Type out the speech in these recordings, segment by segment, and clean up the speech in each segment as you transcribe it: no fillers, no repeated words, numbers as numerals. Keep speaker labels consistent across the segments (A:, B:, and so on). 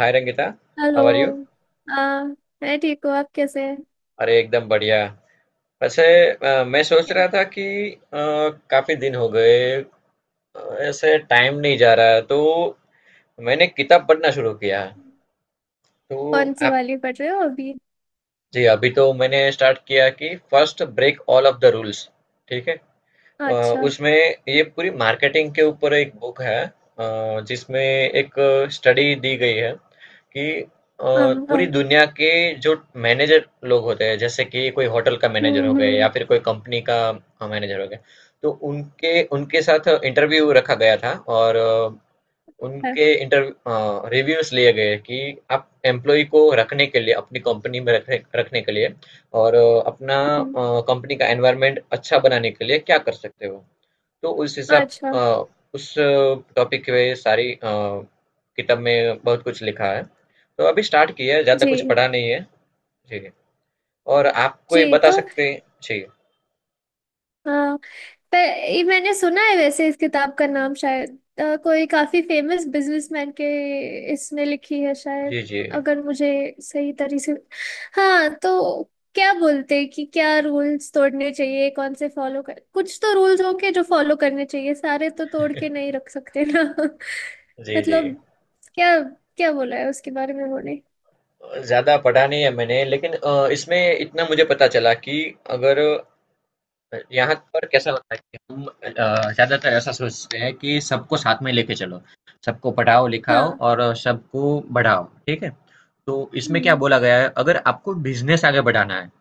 A: Hi Rangita.
B: Hello.
A: How are you.
B: हाँ, मैं ठीक हूँ। आप कैसे हैं?
A: अरे एकदम बढ़िया। वैसे मैं सोच
B: क्या-
A: रहा था कि अ, काफी दिन हो गए। अ, ऐसे टाइम नहीं जा रहा है तो मैंने किताब पढ़ना शुरू किया। तो
B: कौन सी
A: आप।
B: वाली पढ़ रहे हो अभी?
A: जी अभी तो मैंने स्टार्ट किया कि first break all of the rules. ठीक है। अ,
B: अच्छा।
A: उसमें ये पूरी मार्केटिंग के ऊपर एक बुक है, जिसमें एक स्टडी दी गई है कि अ,
B: हाँ हाँ।
A: पूरी दुनिया के जो मैनेजर लोग होते हैं, जैसे कि कोई होटल का मैनेजर हो गए या
B: हम्म।
A: फिर कोई कंपनी का मैनेजर हो गए। तो उनके उनके साथ इंटरव्यू रखा गया था, और
B: है,
A: उनके इंटरव्यू रिव्यूज लिए गए कि आप एम्प्लॉय को रखने के लिए, अपनी कंपनी में रखने रखने के लिए, और अपना
B: हम्म,
A: कंपनी का एनवायरनमेंट अच्छा बनाने के लिए क्या कर सकते हो। तो उस हिसाब
B: अच्छा।
A: उस टॉपिक पे सारी किताब में बहुत कुछ लिखा है। तो अभी स्टार्ट किया है, ज़्यादा कुछ
B: जी
A: पढ़ा नहीं है जी। और आपको ये
B: जी।
A: बता सकते हैं जी।
B: तो, पर ये मैंने सुना है वैसे, इस किताब का नाम शायद कोई काफी फेमस बिजनेसमैन के इसने लिखी है शायद।
A: जी। जी।
B: अगर मुझे सही तरीके से, हाँ तो क्या बोलते हैं कि क्या रूल्स तोड़ने चाहिए, कौन से फॉलो कर... कुछ तो रूल्स होंगे जो फॉलो करने चाहिए, सारे तो तोड़ के नहीं रख सकते ना।
A: जी। जी,
B: मतलब, क्या क्या बोला है उसके बारे में उन्होंने?
A: ज़्यादा पढ़ा नहीं है मैंने, लेकिन इसमें इतना मुझे पता चला कि अगर यहाँ पर कैसा लगता है कि हम ज़्यादातर ऐसा सोचते हैं कि सबको साथ में लेके चलो, सबको पढ़ाओ लिखाओ
B: हाँ।
A: और सबको बढ़ाओ, ठीक है। तो इसमें क्या
B: हम्म
A: बोला गया है, अगर आपको बिजनेस आगे बढ़ाना है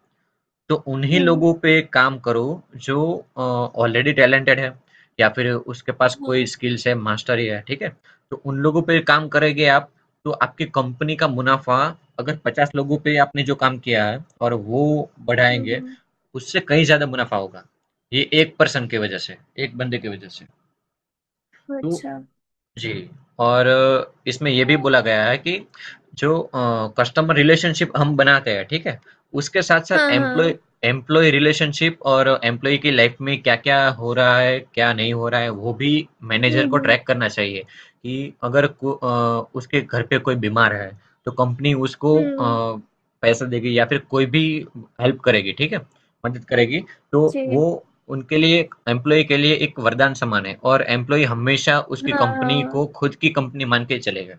A: तो उन्हीं
B: हम्म।
A: लोगों पे काम करो जो ऑलरेडी टैलेंटेड है, या फिर उसके पास कोई
B: हाँ।
A: स्किल्स है, मास्टरी है, ठीक है? तो उन लोगों पे काम करेंगे आप, तो आपकी कंपनी का मुनाफ़ा, अगर 50 लोगों पे आपने जो काम किया है और वो
B: हम्म
A: बढ़ाएँगे,
B: हम्म,
A: उससे कहीं ज़्यादा मुनाफ़ा होगा। ये 1 पर्सन की वजह से, 1 बंदे की वजह से। तो
B: अच्छा।
A: जी, और इसमें ये भी
B: तो-
A: बोला गया है कि जो कस्टमर रिलेशनशिप हम बनाते हैं, ठीक है? उसके साथ-साथ
B: हाँ हाँ।
A: एम्प्लॉयी रिलेशनशिप और एम्प्लॉयी की लाइफ में क्या-क्या हो रहा है, क्या नहीं हो रहा है, वो भी
B: हम्म
A: मैनेजर को
B: हम्म।
A: ट्रैक करना चाहिए। कि अगर को उसके घर पे कोई बीमार है, तो कंपनी उसको
B: हम्म।
A: पैसा देगी या फिर कोई भी हेल्प करेगी, ठीक है? मदद करेगी, तो वो
B: जी।
A: उनके लिए, एम्प्लॉई के लिए एक वरदान समान है, और एम्प्लॉई हमेशा उसकी
B: हाँ
A: कंपनी
B: हाँ।
A: को खुद की कंपनी मान के चलेगा।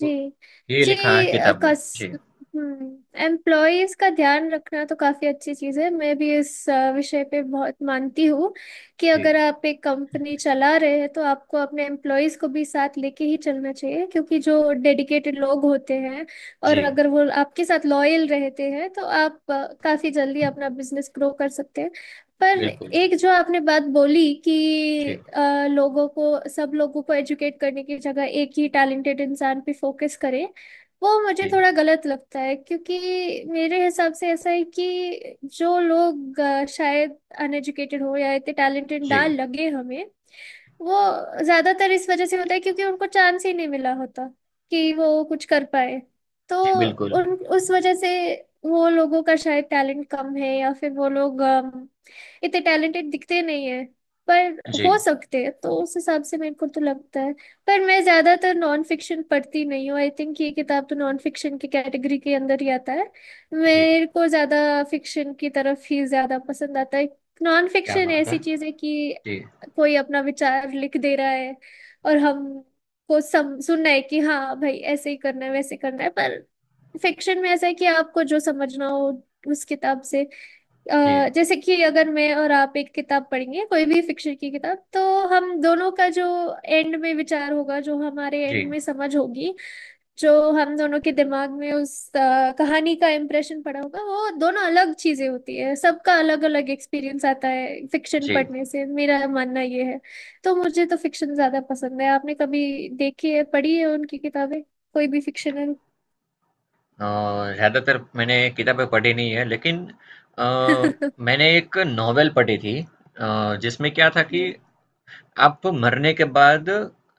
A: तो ये
B: जी।
A: लिखा है
B: अ,
A: किताब में
B: कस
A: जी।
B: एम्प्लॉयज का ध्यान रखना तो काफी अच्छी चीज है। मैं भी इस विषय पे बहुत मानती हूँ, कि
A: जी।
B: अगर आप एक कंपनी चला रहे हैं तो आपको अपने एम्प्लॉयज को भी साथ लेके ही चलना चाहिए, क्योंकि जो डेडिकेटेड लोग होते हैं और
A: जी,
B: अगर वो आपके साथ लॉयल रहते हैं तो आप काफी जल्दी अपना बिजनेस ग्रो कर सकते हैं। पर
A: बिल्कुल।
B: एक जो आपने बात बोली कि
A: जी।
B: लोगों को सब लोगों को एजुकेट करने की जगह एक ही टैलेंटेड इंसान पे फोकस करें, वो मुझे
A: जी।
B: थोड़ा गलत लगता है। क्योंकि मेरे हिसाब से ऐसा है कि जो लोग शायद अनएजुकेटेड हो या इतने टैलेंटेड
A: जी।
B: ना लगे हमें, वो ज्यादातर इस वजह से होता है क्योंकि उनको चांस ही नहीं मिला होता कि वो कुछ कर पाए। तो
A: जी, बिल्कुल।
B: उन उस वजह से वो लोगों का शायद टैलेंट कम है या फिर वो लोग इतने टैलेंटेड दिखते नहीं है, पर
A: जी।
B: हो सकते हैं। तो उस हिसाब से मेरे को तो लगता है। पर मैं ज्यादातर नॉन फिक्शन पढ़ती नहीं हूँ। आई थिंक ये किताब तो नॉन फिक्शन की कैटेगरी के अंदर ही आता है।
A: जी,
B: मेरे को ज्यादा फिक्शन की तरफ ही ज्यादा पसंद आता है। नॉन
A: क्या
B: फिक्शन
A: बात है।
B: ऐसी चीज है कि
A: जी
B: कोई अपना विचार लिख दे रहा है और हम को सम सुनना है कि हाँ भाई, ऐसे ही करना है, वैसे करना है। पर फिक्शन में ऐसा है कि आपको जो समझना हो उस किताब से,
A: जी।
B: जैसे कि अगर मैं और आप एक किताब पढ़ेंगे कोई भी फिक्शन की किताब, तो हम दोनों का जो एंड में विचार होगा, जो हमारे
A: जी।
B: एंड में समझ होगी, जो हम दोनों के दिमाग में उस कहानी का इम्प्रेशन पड़ा होगा, वो दोनों अलग चीजें होती है। सबका अलग अलग एक्सपीरियंस आता है फिक्शन
A: जी।
B: पढ़ने से, मेरा मानना ये है। तो मुझे तो फिक्शन ज्यादा पसंद है। आपने कभी देखी है पढ़ी है उनकी किताबें कोई भी फिक्शनल?
A: अ, ज़्यादातर मैंने किताबें पढ़ी नहीं है, लेकिन अ, मैंने एक नॉवेल पढ़ी थी, जिसमें क्या था कि आप मरने के बाद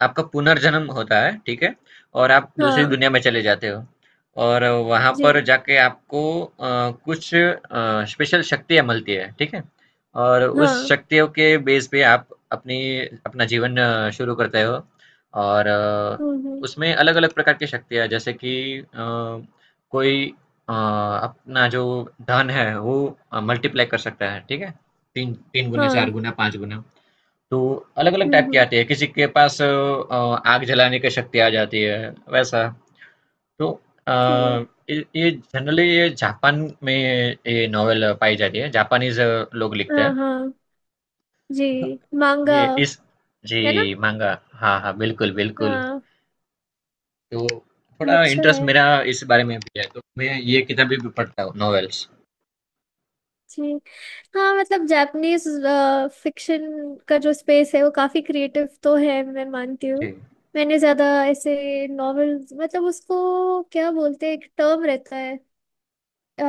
A: आपका पुनर्जन्म होता है, ठीक है? और आप दूसरी
B: हाँ।
A: दुनिया में चले जाते हो, और वहाँ पर
B: जी।
A: जाके आपको कुछ स्पेशल शक्तियाँ मिलती है, ठीक है? और उस
B: हाँ।
A: शक्तियों के बेस पे आप अपनी अपना जीवन शुरू करते हो। और
B: हम्म।
A: उसमें अलग-अलग प्रकार की शक्तियाँ, जैसे कि कोई अपना जो धन है वो मल्टीप्लाई कर सकता है, ठीक है? तीन तीन गुना,
B: हाँ।
A: चार गुना, पाँच गुना। तो अलग अलग टाइप की
B: हम्म।
A: आती है, किसी के पास आग जलाने की शक्ति आ जाती है, वैसा। तो अ,
B: जी।
A: ये जनरली ये जापान में ये नॉवेल पाई जाती है, जापानीज लोग लिखते
B: हाँ
A: हैं।
B: हाँ। जी। मांगा।
A: ये इस जी,
B: है ना?
A: मांगा। हाँ हाँ, बिल्कुल बिल्कुल।
B: हाँ।
A: तो थोड़ा
B: अच्छा
A: इंटरेस्ट
B: है।
A: मेरा इस बारे में भी है, तो मैं ये किताबें भी पढ़ता हूँ, नॉवेल्स।
B: जी। हाँ। मतलब, जापानीज फिक्शन का जो स्पेस है वो काफी क्रिएटिव तो है, मैं मानती हूँ।
A: जी।
B: मैंने ज्यादा ऐसे नॉवेल... मतलब उसको क्या बोलते हैं, एक टर्म रहता है, आ,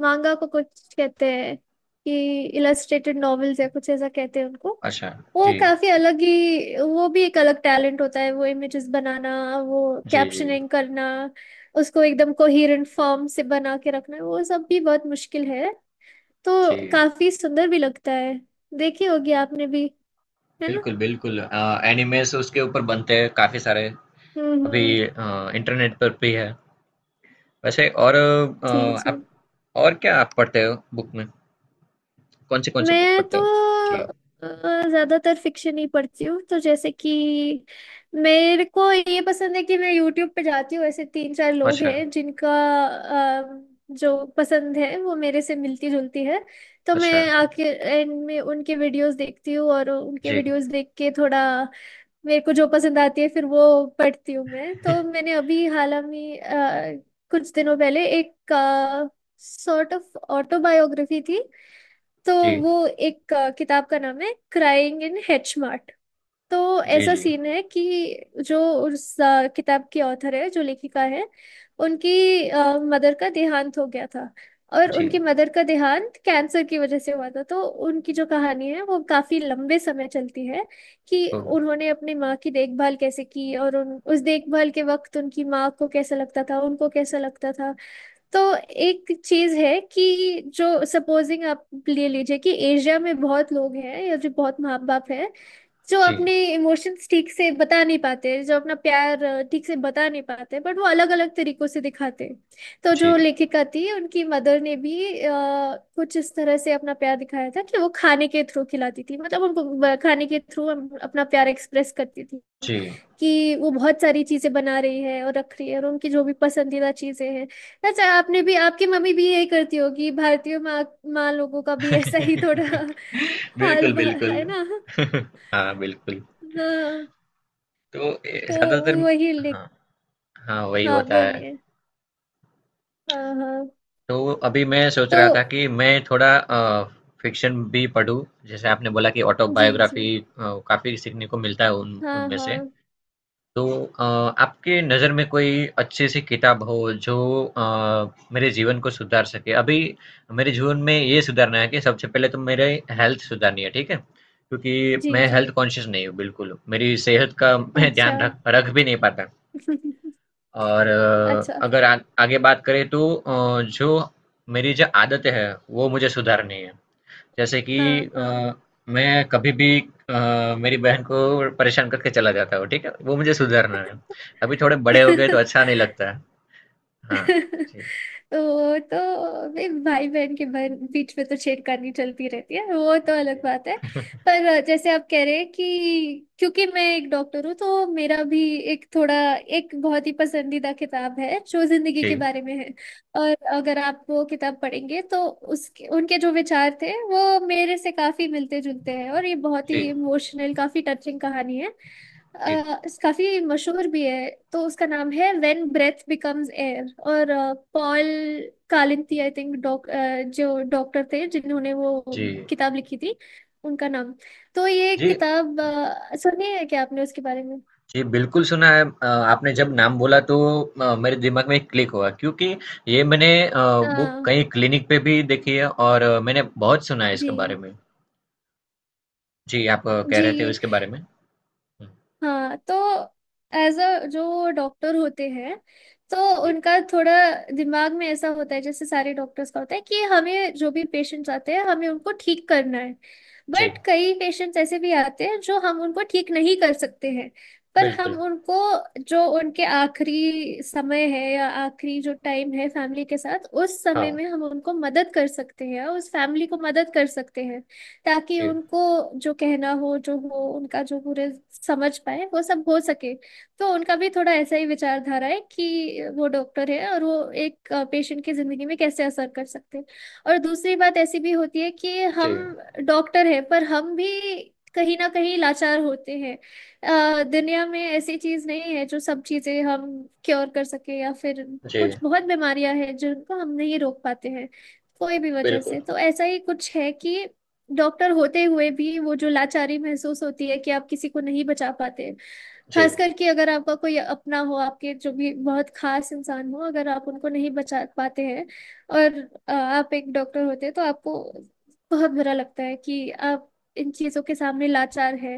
B: मांगा को कुछ कहते हैं कि इलस्ट्रेटेड नॉवेल्स या कुछ ऐसा कहते हैं उनको।
A: अच्छा।
B: वो
A: जी।
B: काफी अलग ही... वो भी एक अलग टैलेंट होता है, वो इमेजेस बनाना, वो
A: जी। जी।
B: कैप्शनिंग करना, उसको एकदम कोहेरेंट फॉर्म से बना के रखना, वो सब भी बहुत मुश्किल है। तो
A: जी,
B: काफी सुंदर भी लगता है। देखी होगी आपने भी। है ना?
A: बिल्कुल बिल्कुल। एनिमेस उसके ऊपर बनते हैं काफी सारे। अभी
B: हम्म।
A: इंटरनेट पर भी है वैसे। और
B: जी जी।
A: आप और क्या आप पढ़ते हो बुक में, कौन सी बुक
B: मैं
A: पढ़ते
B: तो
A: हो। जी।
B: ज्यादातर फिक्शन ही पढ़ती हूँ, तो जैसे कि मेरे को ये पसंद है कि मैं यूट्यूब पे जाती हूँ, ऐसे तीन चार लोग
A: अच्छा।
B: हैं जिनका अ, जो पसंद है वो मेरे से मिलती जुलती है। तो
A: अच्छा।
B: मैं आके एंड में उनके वीडियोस देखती हूँ और उनके
A: जी।
B: वीडियोस देख के थोड़ा मेरे को जो पसंद आती है फिर वो पढ़ती हूँ मैं। तो मैंने अभी हाल में कुछ दिनों पहले एक सॉर्ट ऑफ ऑटोबायोग्राफी थी। तो
A: जी।
B: वो एक किताब का नाम है क्राइंग इन हेच मार्ट। तो
A: जी।
B: ऐसा
A: जी।
B: सीन है कि जो उस किताब की ऑथर है, जो लेखिका है, उनकी मदर का देहांत हो गया था। और
A: जी।
B: उनकी मदर का देहांत कैंसर की वजह से हुआ था। तो उनकी जो कहानी है वो काफी लंबे समय चलती है, कि
A: ओ।
B: उन्होंने अपनी माँ की देखभाल कैसे की और उन उस देखभाल के वक्त उनकी माँ को कैसा लगता था, उनको कैसा लगता था। तो एक चीज है कि, जो, सपोजिंग आप ले लीजिए कि एशिया में बहुत लोग हैं या जो बहुत माँ बाप हैं, जो
A: जी।
B: अपने इमोशंस ठीक से बता नहीं पाते, जो अपना प्यार ठीक से बता नहीं पाते, बट वो अलग अलग तरीकों से दिखाते हैं। तो जो
A: जी।
B: लेखिका थी उनकी मदर ने भी कुछ इस तरह से अपना प्यार दिखाया था कि वो खाने के थ्रू खिलाती थी, मतलब उनको खाने के थ्रू अपना प्यार एक्सप्रेस करती थी।
A: जी।
B: कि वो बहुत सारी चीजें बना रही है और रख रही है, और उनकी जो भी पसंदीदा चीजें हैं। अच्छा, आपने भी आपकी मम्मी भी यही करती होगी, भारतीय माँ, माँ लोगों का भी ऐसा ही थोड़ा। हाल
A: बिल्कुल बिल्कुल।
B: है ना?
A: हाँ, बिल्कुल।
B: हाँ।
A: तो ए,
B: तो
A: ज्यादातर।
B: वही लिख...
A: हाँ। हाँ, वही
B: हाँ
A: होता है।
B: बोलिए। हाँ हाँ।
A: तो अभी मैं सोच
B: तो
A: रहा था कि मैं थोड़ा फिक्शन भी पढूं, जैसे आपने बोला कि
B: जी जी।
A: ऑटोबायोग्राफी। काफी सीखने को मिलता है उन
B: हाँ
A: उनमें से।
B: हाँ।
A: तो आपके नज़र में कोई अच्छी सी किताब हो जो अ, मेरे जीवन को सुधार सके अभी। मेरे जीवन में ये सुधारना है कि सबसे पहले तो मेरे हेल्थ सुधारनी है, ठीक है, क्योंकि
B: जी
A: मैं
B: जी।
A: हेल्थ कॉन्शियस नहीं हूँ बिल्कुल, मेरी सेहत का मैं
B: अच्छा।
A: ध्यान रख रख भी नहीं पाता। और
B: अच्छा।
A: अगर आ, आगे बात करें तो जो मेरी जो आदतें हैं वो मुझे सुधारनी है। जैसे कि
B: हाँ हाँ।
A: अ, मैं कभी भी मेरी बहन को परेशान करके चला जाता हूँ, ठीक है, वो मुझे सुधारना है। अभी थोड़े बड़े हो गए तो अच्छा नहीं लगता है। हाँ। जी।
B: तो वो तो भाई भाई बहन के बहन बीच में तो छेड़खानी चलती रहती है, वो तो अलग बात है। पर जैसे आप कह रहे हैं कि, क्योंकि मैं एक डॉक्टर हूँ तो मेरा भी एक थोड़ा एक बहुत ही पसंदीदा किताब है जो जिंदगी के
A: जी।
B: बारे में है। और अगर आप वो किताब पढ़ेंगे तो उसके उनके जो विचार थे वो मेरे से काफी मिलते जुलते हैं, और ये बहुत
A: जी।
B: ही इमोशनल, काफी टचिंग कहानी है।
A: जी।
B: अ, काफी मशहूर भी है। तो उसका नाम है व्हेन ब्रेथ बिकम्स एयर। और पॉल कालिंती आई थिंक, जो डॉक्टर थे जिन्होंने वो
A: जी।
B: किताब लिखी थी, उनका नाम। तो ये
A: जी।
B: किताब सुनी है क्या आपने उसके बारे में?
A: जी, बिल्कुल सुना है। आपने जब नाम बोला तो मेरे दिमाग में क्लिक हुआ, क्योंकि ये मैंने बुक
B: हाँ।
A: कहीं क्लिनिक पे भी देखी है, और मैंने बहुत सुना है इसके बारे
B: जी
A: में। जी, आप कह रहे थे
B: जी।
A: उसके बारे में? हुँ,
B: हाँ। तो एज अ, जो डॉक्टर होते हैं, तो
A: जी,
B: उनका थोड़ा दिमाग में ऐसा होता है जैसे सारे डॉक्टर्स का होता है, कि हमें जो भी पेशेंट्स आते हैं हमें उनको ठीक करना है।
A: जी,
B: बट कई पेशेंट्स ऐसे भी आते हैं जो हम उनको ठीक नहीं कर सकते हैं। पर
A: बिल्कुल,
B: हम उनको, जो उनके आखिरी समय है या आखिरी जो टाइम है फैमिली के साथ, उस समय
A: हाँ,
B: में हम उनको मदद कर सकते हैं, उस फैमिली को मदद कर सकते हैं, ताकि
A: जी,
B: उनको जो कहना हो जो हो, उनका जो पूरे समझ पाए, वो सब हो सके। तो उनका भी थोड़ा ऐसा ही विचारधारा है कि वो डॉक्टर है और वो एक पेशेंट की जिंदगी में कैसे असर कर सकते हैं। और दूसरी बात ऐसी भी होती है कि हम
A: जी,
B: डॉक्टर है, पर हम भी कहीं ना कहीं लाचार होते हैं। दुनिया में ऐसी चीज नहीं है जो सब चीजें हम क्योर कर सके, या फिर
A: जी,
B: कुछ बहुत बीमारियां हैं जिनको हम नहीं रोक पाते हैं, कोई भी वजह से।
A: बिल्कुल,
B: तो ऐसा ही कुछ है कि डॉक्टर होते हुए भी वो जो लाचारी महसूस होती है कि आप किसी को नहीं बचा पाते।
A: जी,
B: खास करके अगर आपका कोई अपना हो, आपके जो भी बहुत खास इंसान हो, अगर आप उनको नहीं बचा पाते हैं और आप एक डॉक्टर होते हैं, तो आपको बहुत बुरा लगता है कि आप इन चीजों के सामने लाचार है।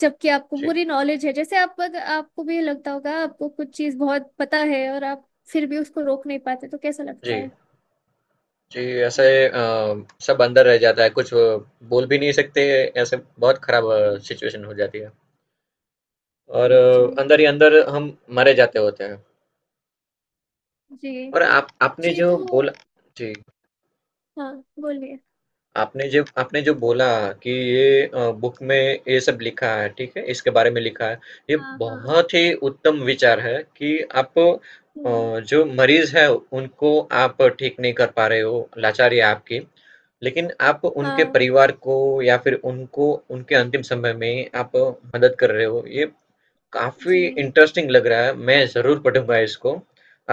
B: जबकि आपको
A: जी,
B: पूरी नॉलेज है। जैसे आप अगर- आपको भी लगता होगा आपको कुछ चीज बहुत पता है और आप फिर भी उसको रोक नहीं पाते, तो कैसा लगता
A: जी,
B: है?
A: जी, ऐसे
B: हम्म,
A: सब अंदर रह जाता है, कुछ बोल भी नहीं सकते, ऐसे बहुत खराब सिचुएशन हो जाती है। और
B: जी। जी।
A: अंदर ही अंदर हम मरे जाते होते हैं।
B: जी।
A: और आप आपने
B: जी।
A: जो
B: तो
A: बोला जी।
B: हाँ बोलिए।
A: आपने जब आपने जो
B: आप
A: बोला
B: बोलिए।
A: कि ये बुक में ये सब लिखा है, ठीक है, इसके बारे में लिखा है। ये
B: हाँ हाँ।
A: बहुत ही उत्तम विचार है कि आप
B: हम्म,
A: जो मरीज है उनको आप ठीक नहीं कर पा रहे हो, लाचारी है आपकी, लेकिन आप उनके
B: हाँ।
A: परिवार को या फिर उनको, उनके अंतिम समय में आप मदद कर रहे हो, ये
B: जी
A: काफी इंटरेस्टिंग लग रहा है, मैं जरूर पढ़ूंगा इसको।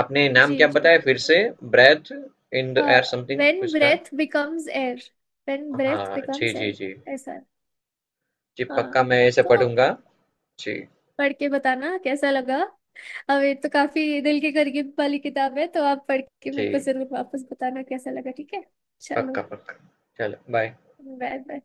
A: आपने नाम क्या
B: जी। जी
A: बताया फिर
B: बिल्कुल।
A: से? Breath in the air something,
B: when
A: कुछ था।
B: Breath becomes air. When breath
A: हाँ जी,
B: बिकम्स
A: जी, जी।
B: एयर ऐसा है।
A: जी, पक्का
B: हाँ,
A: मैं इसे
B: तो
A: पढ़ूँगा। जी,
B: पढ़ के बताना कैसा लगा। अब ये तो काफी दिल के करीब वाली किताब है, तो आप पढ़ के मेरे को
A: जी,
B: जरूर वापस बताना कैसा लगा, ठीक है? चलो।
A: पक्का, पक्का। चलो, बाय।
B: Bye bye.